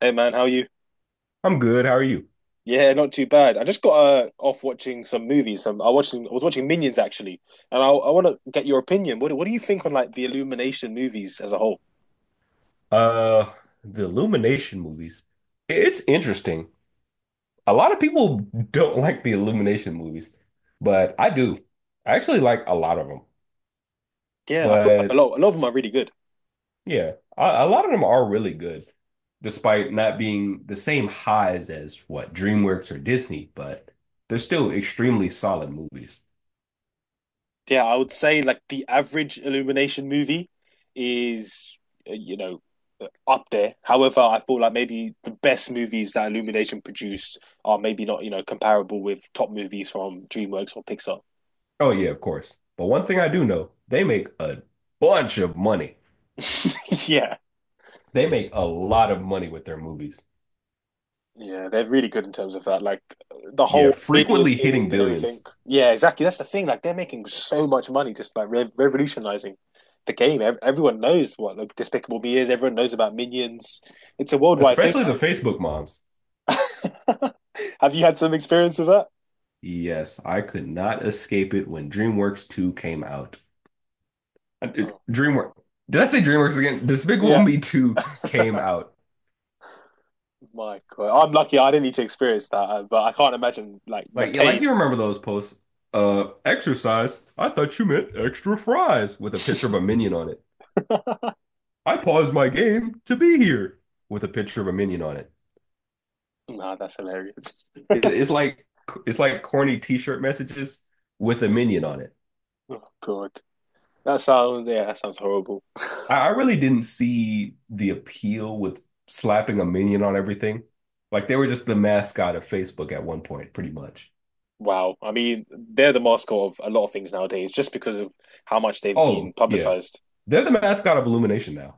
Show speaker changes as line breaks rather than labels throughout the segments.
Hey man, how are you?
I'm good. How are you?
Yeah, not too bad. I just got off watching some movies. Some I watching I was watching Minions actually, and I want to get your opinion. What do you think on like the Illumination movies as a whole?
Uh, the Illumination movies. It's interesting. A lot of people don't like the Illumination movies, but I do. I actually like a lot of them.
Yeah, I feel like a
But
lot a lot of them are really good.
yeah, a lot of them are really good, despite not being the same highs as what DreamWorks or Disney, but they're still extremely solid movies.
Yeah, I would say like the average Illumination movie is uh, you know up there. However, I feel like maybe the best movies that Illumination produce are maybe not you know comparable with top movies from DreamWorks or Pixar.
Oh yeah, of course. But one thing I do know, they make a bunch of money.
Yeah.
They make a lot of money with their movies.
Yeah, they're really good in terms of that. Like the
Yeah,
whole media
frequently hitting
thing and everything.
billions,
Yeah, exactly. That's the thing. Like they're making so much money, just like re revolutionizing the game. Ev Everyone knows what like Despicable Me is. Everyone knows about Minions. It's a worldwide thing
especially the Facebook moms.
now. Have you had some experience with that?
Yes, I could not escape it when DreamWorks 2 came out.
Oh,
DreamWorks. Did I say DreamWorks again? Despicable
yeah.
Me 2 came out.
My God, I'm lucky. I didn't need to experience that, but I can't imagine like the
Like, yeah, like
pain.
you remember those posts. Exercise. I thought you meant extra fries with a picture of a minion on it. I paused my game to be here with a picture of a minion on it.
Nah, that's hilarious.
It's like it's like corny t-shirt messages with a minion on it.
Oh God, that sounds yeah, that sounds horrible.
I really didn't see the appeal with slapping a minion on everything. Like they were just the mascot of Facebook at one point, pretty much.
Wow. I mean, they're the mascot of a lot of things nowadays just because of how much they've been
Oh, yeah.
publicized.
They're the mascot of Illumination now.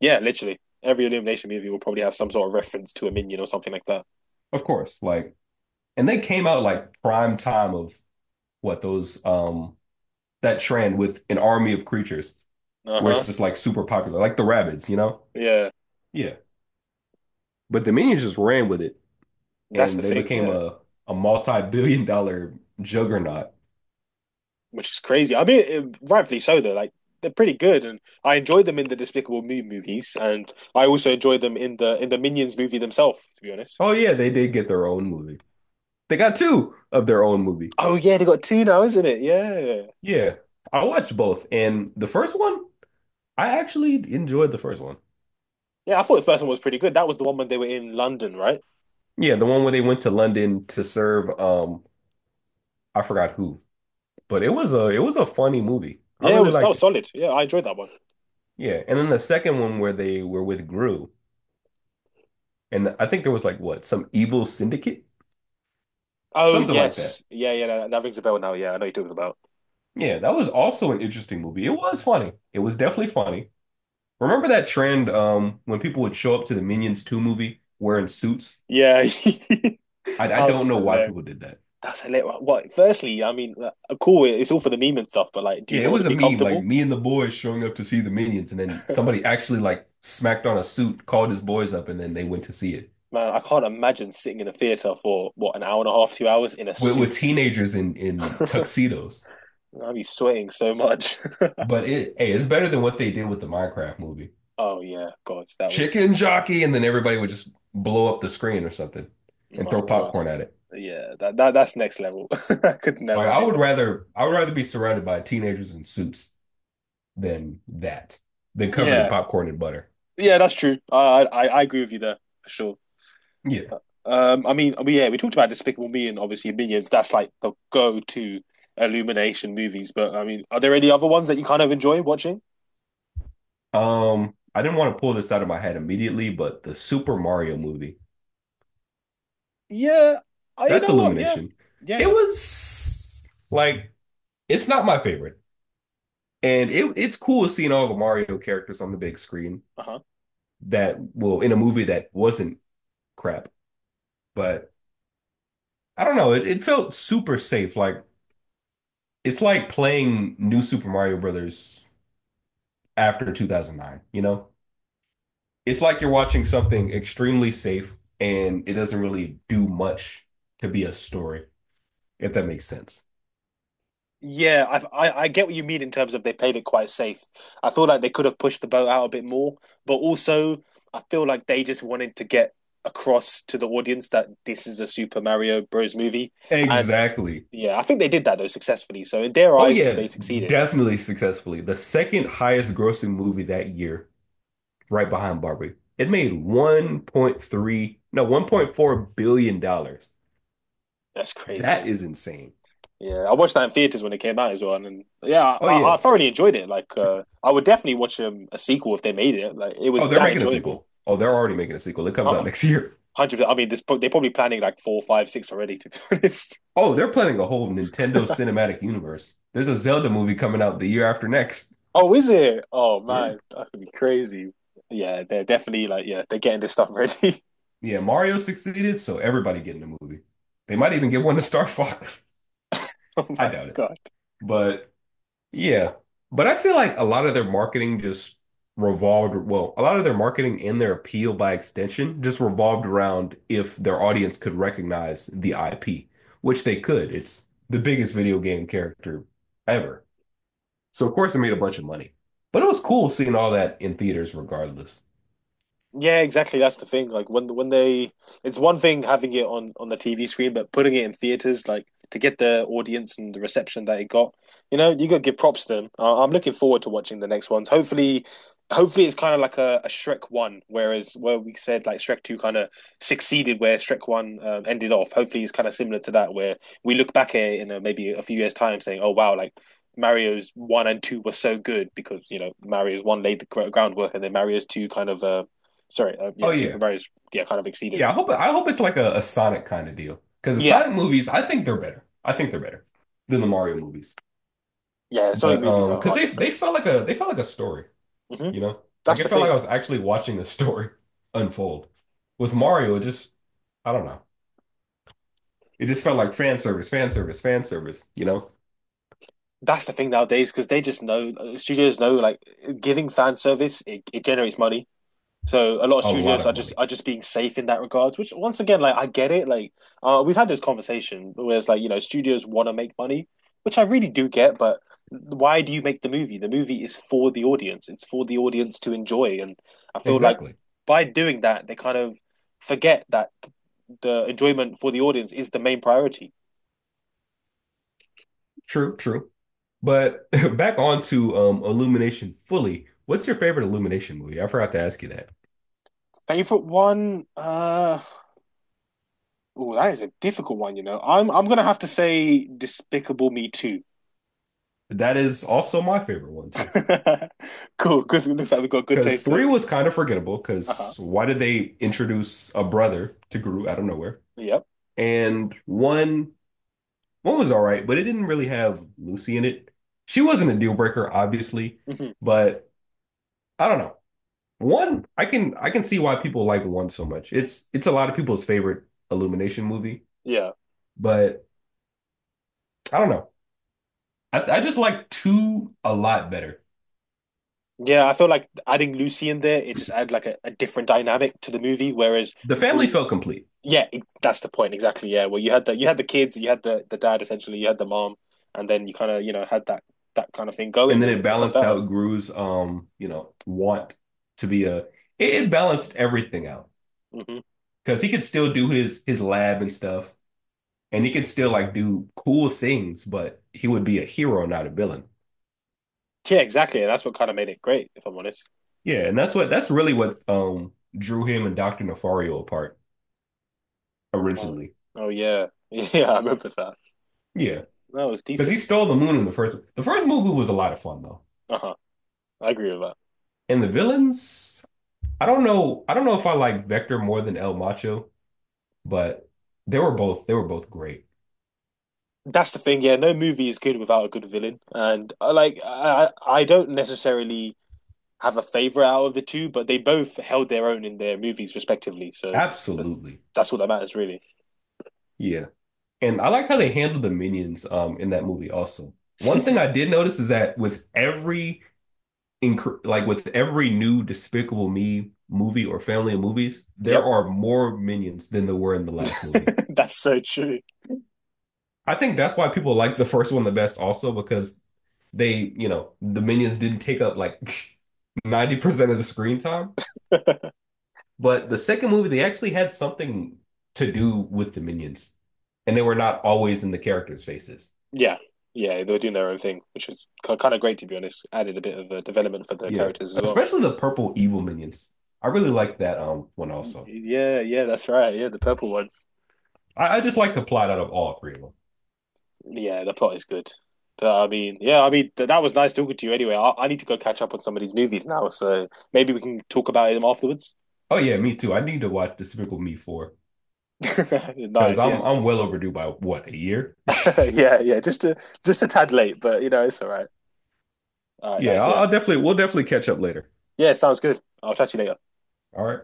Yeah, literally. Every Illumination movie will probably have some sort of reference to a minion or something like that.
Of course. Like, and they came out like prime time of what those that trend with an army of creatures where it's
Uh-huh.
just like super popular, like the rabbits, you know?
Yeah.
Yeah. But the minions just ran with it
That's the
and they
thing.
became
Yeah.
a multi-billion dollar juggernaut.
Which is crazy. I mean, it, rightfully so, though. Like, they're pretty good. And I enjoyed them in the Despicable Me movies. And I also enjoyed them in the Minions movie themselves, to be honest.
Oh yeah, they did get their own movie. They got two of their own movie.
Oh, yeah. They got two now, isn't it? Yeah.
Yeah, I watched both, and the first one I actually enjoyed the first one.
Yeah. I thought the first one was pretty good. That was the one when they were in London, right?
Yeah, the one where they went to London to serve, I forgot who, but it was a funny movie. I
Yeah. It
really
was, that
liked
was
it.
solid. Yeah. I enjoyed that one.
Yeah, and then the second one where they were with Gru, and I think there was like, what, some evil syndicate,
Oh
something like that.
yes, yeah, yeah, that rings a bell now. Yeah, I know what you're talking about.
Yeah, that was also an interesting movie. It was funny. It was definitely funny. Remember that trend when people would show up to the Minions 2 movie wearing suits?
Yeah, that
I don't
was
know why
hilarious.
people did that.
That's hilarious. What? Firstly, I mean, cool. It's all for the meme and stuff, but like, do you
Yeah, it
not want
was
to
a
be
meme, like
comfortable?
me and the boys showing up to see the Minions, and then somebody actually like smacked on a suit, called his boys up, and then they went to see it
Man, I can't imagine sitting in a theater for what an hour and a half, 2 hours in a
with
suit.
teenagers in
I'd
tuxedos.
be sweating so much.
But it, hey, it's better than what they did with the Minecraft movie.
Oh yeah, God, that would.
Chicken jockey, and then everybody would just blow up the screen or something and
My
throw
God.
popcorn at it.
Yeah, that that's next level. I could
Like
never do that.
I would rather be surrounded by teenagers in suits than that, than covered in
Yeah,
popcorn and butter.
yeah, that's true. I agree with you there for sure.
Yeah.
I mean, yeah, we talked about Despicable Me and obviously Minions. That's like the go-to Illumination movies. But I mean, are there any other ones that you kind of enjoy watching?
I didn't want to pull this out of my head immediately, but the Super Mario movie,
Yeah, I, you
that's
know what? Yeah,
Illumination.
yeah,
It
yeah.
was like, it's not my favorite. And it it's cool seeing all the Mario characters on the big screen
Uh-huh.
that well in a movie that wasn't crap. But I don't know, it felt super safe. Like it's like playing New Super Mario Brothers after 2009, you know? It's like you're watching something extremely safe and it doesn't really do much to be a story, if that makes sense.
Yeah, I get what you mean in terms of they played it quite safe. I feel like they could have pushed the boat out a bit more, but also I feel like they just wanted to get across to the audience that this is a Super Mario Bros. Movie, and
Exactly.
yeah, I think they did that though successfully. So in their
Oh
eyes,
yeah,
they succeeded.
definitely successfully. The second highest grossing movie that year, right behind Barbie. It made 1.3, no, 1.4 billion dollars.
That's
That
crazy.
is insane.
Yeah, I watched that in theaters when it came out as well, and yeah,
Oh yeah.
I thoroughly enjoyed it. Like, I would definitely watch a sequel if they made it. Like, it was
Oh, they're
that
making a
enjoyable.
sequel. Oh,
Yeah,
they're already making a sequel. It comes
uh,
out next year.
100%. I mean, they're probably planning like four, five, six already. To be honest.
Oh, they're planning a whole Nintendo cinematic universe. There's a Zelda movie coming out the year after next.
Oh, is it? Oh
Yeah.
man, that could be crazy. Yeah, they're definitely like yeah, they're getting this stuff ready.
Yeah, Mario succeeded, so everybody getting a movie. They might even give one to Star Fox.
Oh
I
my
doubt it.
God.
But yeah. But I feel like a lot of their marketing just revolved, well, a lot of their marketing and their appeal by extension just revolved around if their audience could recognize the IP, which they could. It's the biggest video game character ever. So of course it made a bunch of money. But it was cool seeing all that in theaters regardless.
Yeah, exactly. That's the thing. Like when they, it's one thing having it on the TV screen, but putting it in theaters, like to get the audience and the reception that it got, you know, you got to give props to them. I'm looking forward to watching the next ones. Hopefully, hopefully it's kind of like a Shrek one, whereas where we said like Shrek two kind of succeeded where Shrek one ended off. Hopefully, it's kind of similar to that, where we look back at it in a, maybe a few years' time, saying, "Oh wow, like." Mario's one and two were so good because you know Mario's one laid the groundwork and then Mario's two kind of Sorry, yeah,
Oh yeah.
superheroes yeah kind of exceeded.
Yeah, I hope I hope it's like a Sonic kind of deal. Because the
Yeah,
Sonic movies, I think they're better. I think they're better than the Mario movies.
yeah, Sonic
But
movies
because
are
they
different.
they felt like a story,
Hmm.
you know? Like
That's the
it felt like
thing.
I was actually watching a story unfold. With Mario, it just, I don't know. It just felt like fan service, fan service, fan service, you know?
That's the thing nowadays because they just know studios know like giving fan service it, it generates money. So a lot of
A lot
studios
of
are
money.
just being safe in that regards. Which once again, like I get it. Like we've had this conversation where it's like you know studios want to make money, which I really do get. But why do you make the movie? The movie is for the audience. It's for the audience to enjoy. And I feel like
Exactly.
by doing that, they kind of forget that the enjoyment for the audience is the main priority.
True, true. But back on to Illumination fully. What's your favorite Illumination movie? I forgot to ask you that.
Favorite one? Oh, that is a difficult one. You know, I'm gonna have to say Despicable Me Too.
That is also my favorite one too.
Cool. Good. Looks like we've got good
Because
taste then.
three was kind of forgettable.
Uh huh.
Because why did they introduce a brother to Gru out of nowhere?
Yep.
And one, one was all right, but it didn't really have Lucy in it. She wasn't a deal breaker, obviously,
Hmm.
but I don't know. One, I can see why people like one so much. It's a lot of people's favorite Illumination movie,
Yeah.
but I don't know. I just like two a lot better.
Yeah. I feel like adding Lucy in there, it just add like a different dynamic to the movie. Whereas
The family
Gru,
felt complete,
yeah, that's the point exactly. Yeah. Well, you had the kids, you had the dad essentially, you had the mom, and then you kind of you know had that kind of thing
and
going,
then
and
it
it felt
balanced
better.
out Gru's you know, want to be a. It balanced everything out
Hmm.
because he could still do his lab and stuff, and he could still like do cool things, but he would be a hero, not a villain.
Yeah, exactly. And that's what kind of made it great, if I'm honest.
Yeah, and that's what that's really what drew him and Doctor Nefario apart
Oh,
originally.
oh yeah. Yeah, I remember that.
Yeah,
That was
because he
decent.
stole the moon in the first. The first movie was a lot of fun though,
Uh-huh. I agree with that.
and the villains, I don't know. I don't know if I like Vector more than El Macho, but they were both great.
That's the thing, yeah. No movie is good without a good villain. And I like I don't necessarily have a favorite out of the two, but they both held their own in their movies respectively. So that's
Absolutely.
that's all that matters really.
Yeah. And I like how they handled the minions in that movie also. One thing I did notice is that with every like with every new Despicable Me movie or family of movies, there
Yep.
are more minions than there were in the last movie.
That's so true.
I think that's why people like the first one the best also because they, you know, the minions didn't take up like 90% of the screen time. But the second movie, they actually had something to do with the minions, and they were not always in the characters' faces.
Yeah. Yeah, they were doing their own thing, which was kind of great to be honest. Added a bit of a development for the
Yeah,
characters as well.
especially the purple evil minions. I really like that one also.
Yeah, yeah, that's right. Yeah, the purple ones.
I just like the plot out of all three of them.
Yeah, the plot is good. But I mean, yeah, I mean th that was nice talking to you. Anyway, I need to go catch up on some of these movies now, so maybe we can talk about them afterwards.
Oh yeah, me too. I need to watch Despicable Me 4 because
Nice, yeah,
I'm well overdue by, what, a year.
yeah, yeah. Just a tad late, but you know it's all right. All right,
Yeah,
nice, yeah,
I'll definitely we'll definitely catch up later.
yeah. Sounds good. I'll chat to you later.
All right.